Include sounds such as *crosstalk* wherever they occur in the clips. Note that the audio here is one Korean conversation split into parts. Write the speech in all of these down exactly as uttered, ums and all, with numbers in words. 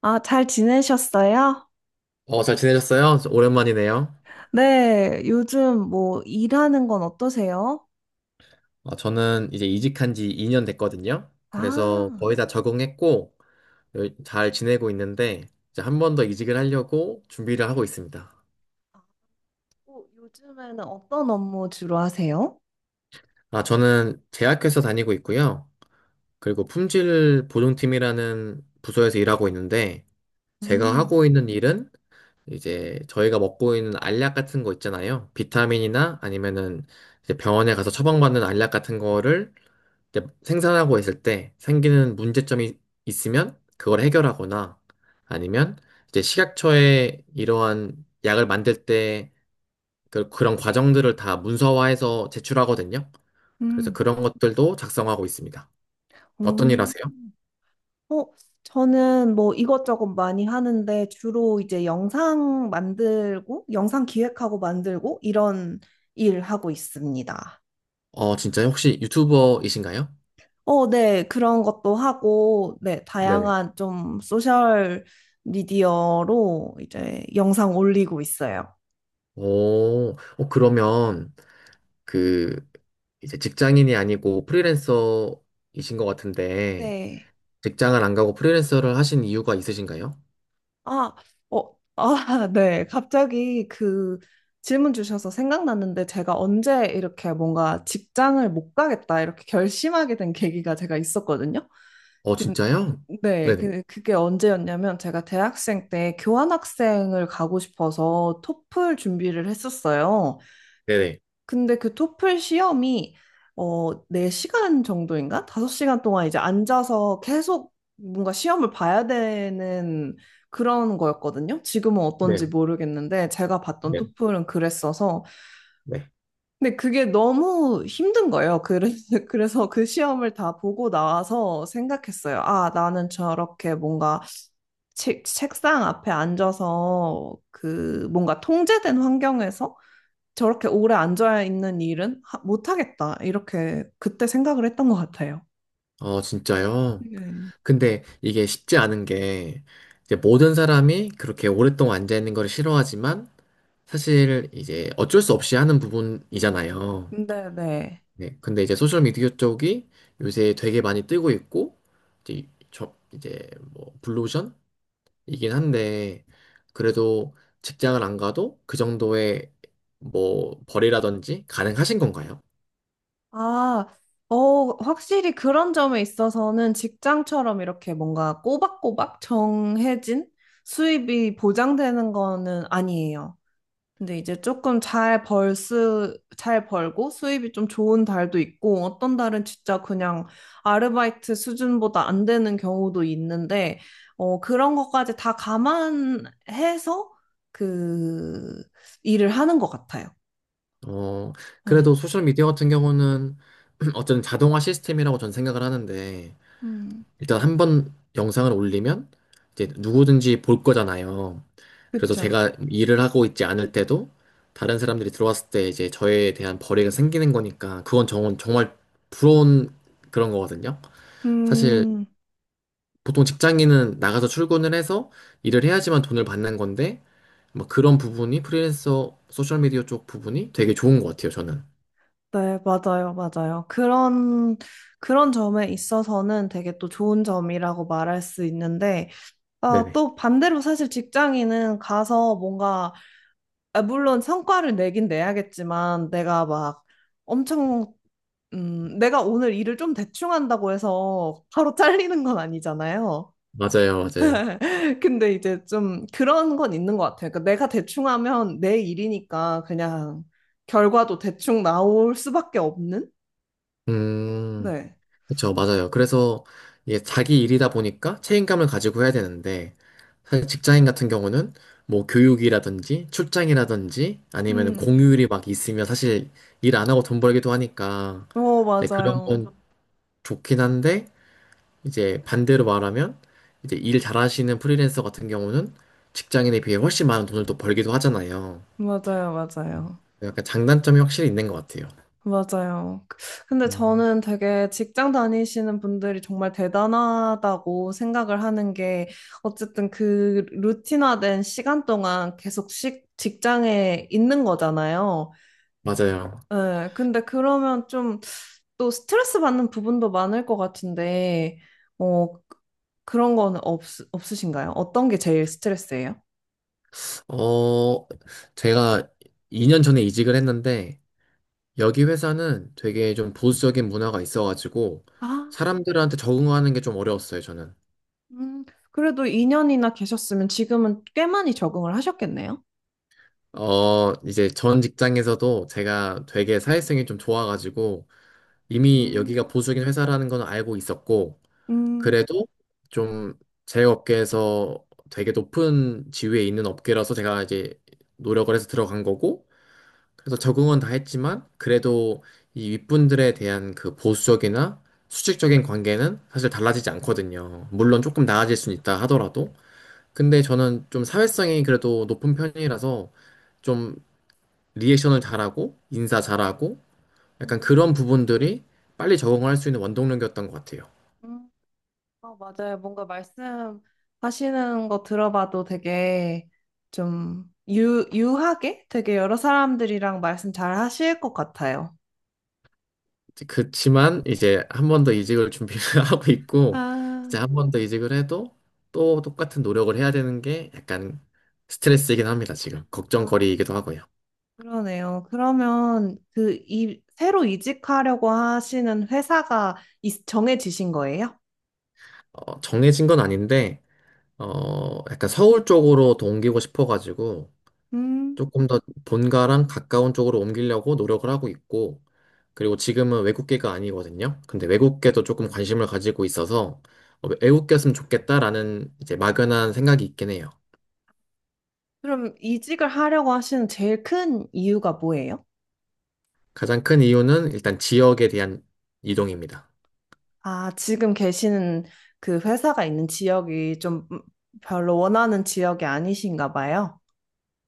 아, 잘 지내셨어요? 어, 잘 지내셨어요? 오랜만이네요. 네, 요즘 뭐 일하는 건 어떠세요? 어, 저는 이제 이직한 지 이 년 됐거든요. 그래서 아, 거의 다 적응했고, 여- 잘 지내고 있는데, 이제 한 번 더 이직을 하려고 준비를 하고 있습니다. 어, 요즘에는 어떤 업무 주로 하세요? 아, 저는 제약회사 다니고 있고요. 그리고 품질 보증팀이라는 부서에서 일하고 있는데, 제가 음, 하고 있는 일은 이제 저희가 먹고 있는 알약 같은 거 있잖아요. 비타민이나 아니면은 이제 병원에 가서 처방받는 알약 같은 거를 이제 생산하고 있을 때 생기는 문제점이 있으면 그걸 해결하거나 아니면 이제 식약처에 이러한 약을 만들 때 그- 그런 과정들을 다 문서화해서 제출하거든요. 그래서 음, 그런 것들도 작성하고 있습니다. 어떤 일 음, 하세요? 어, 저는 뭐 이것저것 많이 하는데 주로 이제 영상 만들고, 영상 기획하고 만들고 이런 일 하고 있습니다. 어, 진짜요? 혹시 유튜버이신가요? 어, 네, 그런 것도 하고, 네, 네네. 다양한 좀 소셜 미디어로 이제 영상 올리고 있어요. 오, 어, 그러면 그 이제 직장인이 아니고 프리랜서이신 것 같은데 네. 직장을 안 가고 프리랜서를 하신 이유가 있으신가요? 아, 어, 아, *laughs* 네. 갑자기 그 질문 주셔서 생각났는데 제가 언제 이렇게 뭔가 직장을 못 가겠다 이렇게 결심하게 된 계기가 제가 있었거든요. 어, 근- 진짜요? 네, 네네. 그- 그게 언제였냐면 제가 대학생 때 교환학생을 가고 싶어서 토플 준비를 했었어요. 네네. 근데 그 토플 시험이 어, 네 시간 정도인가? 다섯 시간 동안 이제 앉아서 계속 뭔가 시험을 봐야 되는 그런 거였거든요. 지금은 어떤지 네, 모르겠는데 제가 봤던 네, 토플은 그랬어서 네. 근데 그게 너무 힘든 거예요. 그래서 *laughs* 그래서 그 시험을 다 보고 나와서 생각했어요. 아, 나는 저렇게 뭔가 책, 책상 앞에 앉아서 그 뭔가 통제된 환경에서 저렇게 오래 앉아 있는 일은 하- 못하겠다. 이렇게 그때 생각을 했던 것 같아요. 어, 진짜요? 네. 근데 이게 쉽지 않은 게, 이제 모든 사람이 그렇게 오랫동안 앉아있는 걸 싫어하지만, 사실 이제 어쩔 수 없이 하는 부분이잖아요. 네, 네. 네. 근데 이제 소셜미디어 쪽이 요새 되게 많이 뜨고 있고, 이제, 저, 이제 뭐, 블루오션이긴 한데, 그래도 직장을 안 가도 그 정도의 뭐, 벌이라든지 가능하신 건가요? 아, 어, 확실히 그런 점에 있어서는 직장처럼 이렇게 뭔가 꼬박꼬박 정해진 수입이 보장되는 거는 아니에요. 근데 이제 조금 잘 벌 수, 잘 벌고 수입이 좀 좋은 달도 있고 어떤 달은 진짜 그냥 아르바이트 수준보다 안 되는 경우도 있는데 어, 그런 것까지 다 감안해서 그 일을 하는 것 같아요. 어, 네. 그래도 소셜미디어 같은 경우는 *clears throat* 어쨌든 자동화 시스템이라고 저는 생각을 하는데, 음, 일단 한번 영상을 올리면 이제 누구든지 볼 거잖아요. 그래서 그쵸. 제가 일을 하고 있지 않을 때도 다른 사람들이 들어왔을 때 이제 저에 대한 벌이가 생기는 거니까, 그건 정, 정말 부러운 그런 거거든요. 사실 음, 보통 직장인은 나가서 출근을 해서 일을 해야지만 돈을 받는 건데, 뭐 그런 부분이 프리랜서 소셜미디어 쪽 부분이 되게 좋은 것 같아요, 저는. 네, 맞아요, 맞아요. 그런, 그런 점에 있어서는 되게 또 좋은 점이라고 말할 수 있는데, 아, 네네. 또 반대로 사실 직장인은 가서 뭔가 아, 물론 성과를 내긴 내야겠지만 내가 막 엄청 음, 내가 오늘 일을 좀 대충 한다고 해서 바로 *laughs* 잘리는 건 아니잖아요. 맞아요, 맞아요. *laughs* 근데 이제 좀 그런 건 있는 것 같아요. 그러니까 내가 대충 하면 내 일이니까 그냥 결과도 대충 나올 수밖에 없는? 음, 네. 그쵸, 맞아요. 그래서 이게 자기 일이다 보니까 책임감을 가지고 해야 되는데, 사실 직장인 같은 경우는 뭐 교육이라든지 출장이라든지 아니면 음, 공휴일이 막 있으면 사실 일 안 하고 돈 벌기도 하니까, 어, 네, 맞아요. 그러면 좋긴 한데, 이제 반대로 말하면, 이제 일 잘하시는 프리랜서 같은 경우는 직장인에 비해 훨씬 많은 돈을 또 벌기도 하잖아요. 맞아요, 맞아요. 약간 장단점이 확실히 있는 것 같아요. 맞아요. 그, 근데 음, 저는 되게 직장 다니시는 분들이 정말 대단하다고 생각을 하는 게 어쨌든 그 루틴화된 시간 동안 계속 식, 직장에 있는 거잖아요. 맞아요. 예, 근데 그러면 좀 또 스트레스 받는 부분도 많을 것 같은데, 어, 그런 건 없, 없으신가요? 어떤 게 제일 스트레스예요? 어, 제가 이 년 전에 이직을 했는데, 여기 회사는 되게 좀 보수적인 문화가 있어가지고, 아, 사람들한테 적응하는 게 좀 어려웠어요, 저는. 음, 그래도 이 년이나 계셨으면 지금은 꽤 많이 적응을 하셨겠네요? 어, 이제 전 직장에서도 제가 되게 사회성이 좀 좋아가지고, 이미 음, 여기가 보수적인 회사라는 건 알고 있었고, 음. 그래도 좀 제 업계에서 되게 높은 지위에 있는 업계라서 제가 이제 노력을 해서 들어간 거고, 그래서 적응은 다 했지만 그래도 이 윗분들에 대한 그 보수적이나 수직적인 관계는 사실 달라지지 않거든요. 아, 물론 조금 나아질 수는 있다 하더라도. 근데 저는 좀 사회성이 그래도 높은 편이라서 좀 리액션을 잘하고 인사 잘하고 약간 음, 그런 부분들이 빨리 적응할 수 있는 원동력이었던 것 같아요. 음. 어, 맞아요. 뭔가 말씀하시는 거 들어봐도 되게 좀 유, 유하게 되게 여러 사람들이랑 말씀 잘 하실 것 같아요. 그치만 이제 한 번 더 이직을 준비를 *laughs* 하고 있고 아, 이제 한 번 더 이직을 해도 또 똑같은 노력을 해야 되는 게 약간 스트레스이긴 아, 합니다. 지금 아, 걱정거리이기도 하고요. 그러네요. 그러면 그 이, 새로 이직하려고 하시는 회사가 있- 정해지신 거예요? 어, 정해진 건 아닌데 어, 약간 서울 쪽으로 더 옮기고 싶어가지고 음, 조금 더 본가랑 가까운 쪽으로 옮기려고 노력을 하고 있고 그리고 지금은 외국계가 아니거든요. 근데 외국계도 조금 관심을 가지고 있어서 어, 외국계였으면 좋겠다라는 이제 막연한 생각이 있긴 해요. 그럼 이직을 하려고 하시는 제일 큰 이유가 뭐예요? 가장 큰 이유는 일단 지역에 대한 이동입니다. 아, 지금 계시는 그 회사가 있는 지역이 좀 음, 별로 원하는 지역이 아니신가 봐요.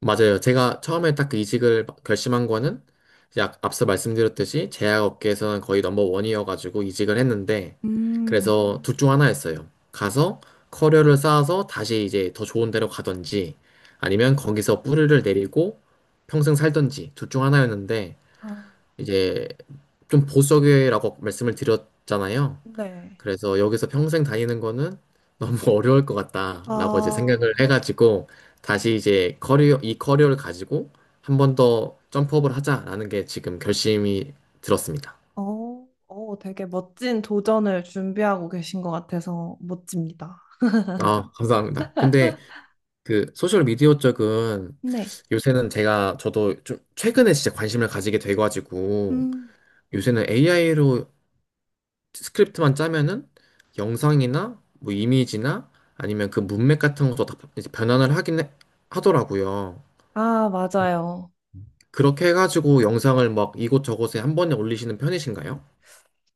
맞아요. 제가 처음에 딱 그 이직을 결심한 거는 이제 앞- 앞서 말씀드렸듯이 제약업계에서는 거의 넘버원이어가지고 이직을 했는데 음, 그래서 둘 중 하나였어요. 가서 커리어를 쌓아서 다시 이제 더 좋은 데로 가든지 아니면 거기서 뿌리를 내리고 평생 살든지 둘 중 하나였는데 아, 이제 좀 보수적이라고 말씀을 드렸잖아요. 네. 그래서 여기서 평생 다니는 거는 너무 *laughs* 어려울 것 같다라고 이제 아, 생각을 해가지고 다시 이제 커리어, 이 커리어를 가지고 한 번 더 점프업을 하자라는 게 지금 결심이 들었습니다. 어, 어, 되게 멋진 도전을 준비하고 계신 것 같아서 멋집니다. 아, 감사합니다. 근데 그 소셜 미디어 쪽은 네. 요새는 제가 저도 좀 최근에 진짜 관심을 가지게 돼가지고 음. 요새는 에이아이로 스크립트만 짜면은 영상이나 뭐 이미지나 아니면 그 문맥 같은 것도 다 이제 변환을 하긴 해- 하더라고요. 아, 맞아요. 그렇게 해가지고 영상을 막 이곳저곳에 한 번에 올리시는 편이신가요?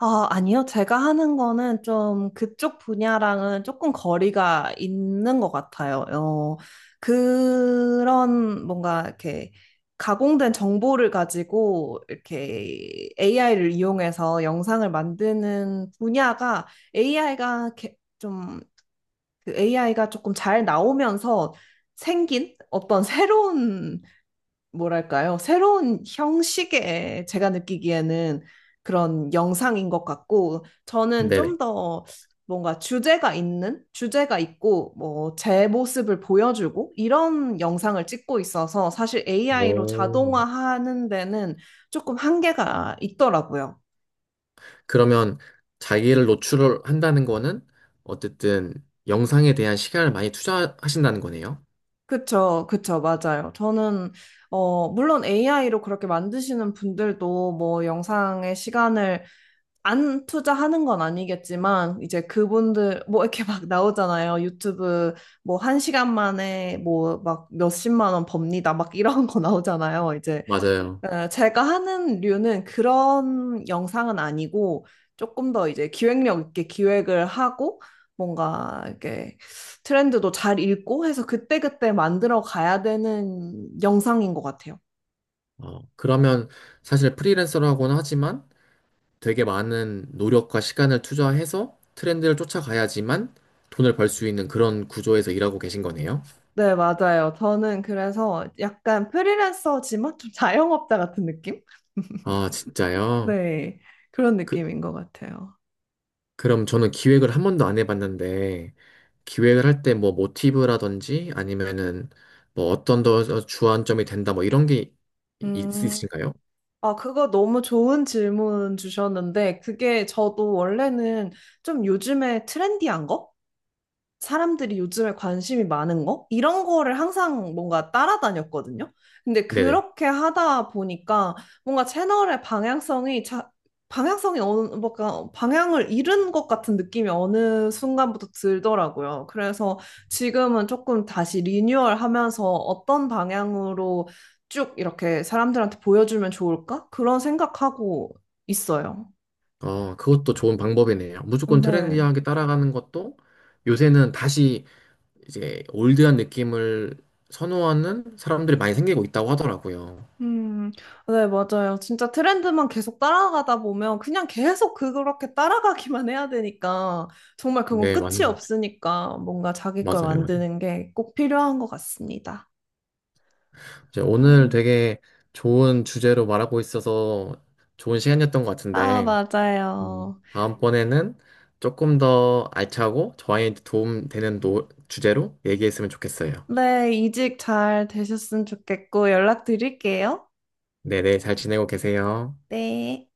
아, 아니요. 제가 하는 거는 좀 그쪽 분야랑은 조금 거리가 있는 것 같아요. 어, 그런 뭔가 이렇게 가공된 정보를 가지고 이렇게 에이아이를 이용해서 영상을 만드는 분야가 에이아이가 좀 에이아이가 조금 잘 나오면서 생긴 어떤 새로운 뭐랄까요? 새로운 형식의 제가 느끼기에는 그런 영상인 것 같고, 저는 네네. 좀 더 뭔가 주제가 있는, 주제가 있고, 뭐, 제 모습을 보여주고, 이런 영상을 찍고 있어서 사실 에이아이로 오. 자동화하는 데는 조금 한계가 있더라고요. 그러면 자기를 노출을 한다는 거는 어쨌든 영상에 대한 시간을 많이 투자하신다는 거네요. 그쵸, 그쵸, 맞아요. 저는, 어, 물론 에이아이로 그렇게 만드시는 분들도 뭐 영상의 시간을 안 투자하는 건 아니겠지만, 이제 그분들, 뭐 이렇게 막 나오잖아요. 유튜브 뭐 한 시간 만에 뭐 막 몇십만 원 법니다. 막 이런 거 나오잖아요. 이제 맞아요. 어, 제가 하는 류는 그런 영상은 아니고, 조금 더 이제 기획력 있게 기획을 하고, 뭔가 이렇게 트렌드도 잘 읽고 해서 그때그때 만들어 가야 되는 영상인 것 같아요. 어, 그러면 사실 프리랜서라고는 하지만 되게 많은 노력과 시간을 투자해서 트렌드를 쫓아가야지만 돈을 벌 수 있는 그런 구조에서 일하고 계신 거네요. 네, 맞아요. 저는 그래서 약간 프리랜서지만 좀 *laughs* 자영업자 같은 느낌? 아, *laughs* 진짜요? 네, 그런 그, 느낌인 것 같아요. 그럼 저는 기획을 한 번도 안 해봤는데, 기획을 할 때 뭐 모티브라든지 아니면은 뭐 어떤 더 주안점이 된다 뭐 이런 게 있- 음, 있으신가요? 아, 그거 너무 좋은 질문 주셨는데, 그게 저도 원래는 좀 요즘에 트렌디한 거? 사람들이 요즘에 관심이 많은 거? 이런 거를 항상 뭔가 따라다녔거든요. 근데 네네. 그렇게 하다 보니까 뭔가 채널의 방향성이 자, 방향성이 어느 뭔가 방향을 잃은 것 같은 느낌이 어느 순간부터 들더라고요. 그래서 지금은 조금 다시 리뉴얼하면서 어떤 방향으로 쭉 이렇게 사람들한테 보여주면 좋을까? 그런 생각하고 있어요. 어, 그것도 좋은 방법이네요. 무조건 네. 트렌디하게 따라가는 것도 요새는 다시 이제 올드한 느낌을 선호하는 사람들이 많이 생기고 있다고 하더라고요. 음, 네, 맞아요. 진짜 트렌드만 계속 따라가다 보면 그냥 계속 그- 그렇게 따라가기만 해야 되니까 정말 그건 네, 맞는 끝이 것 없으니까 뭔가 자기 걸 같아요. 맞아요, 맞아요. 만드는 게 꼭 필요한 것 같습니다. 이제 오늘 음. 되게 좋은 주제로 말하고 있어서 좋은 시간이었던 것 아, 같은데, 음. 맞아요. 다음번에는 조금 더 알차고 저한테 도움되는 노, 주제로 얘기했으면 좋겠어요. 네, 이직 잘 되셨으면 좋겠고 연락 드릴게요. 네네, 잘 지내고 계세요. 네.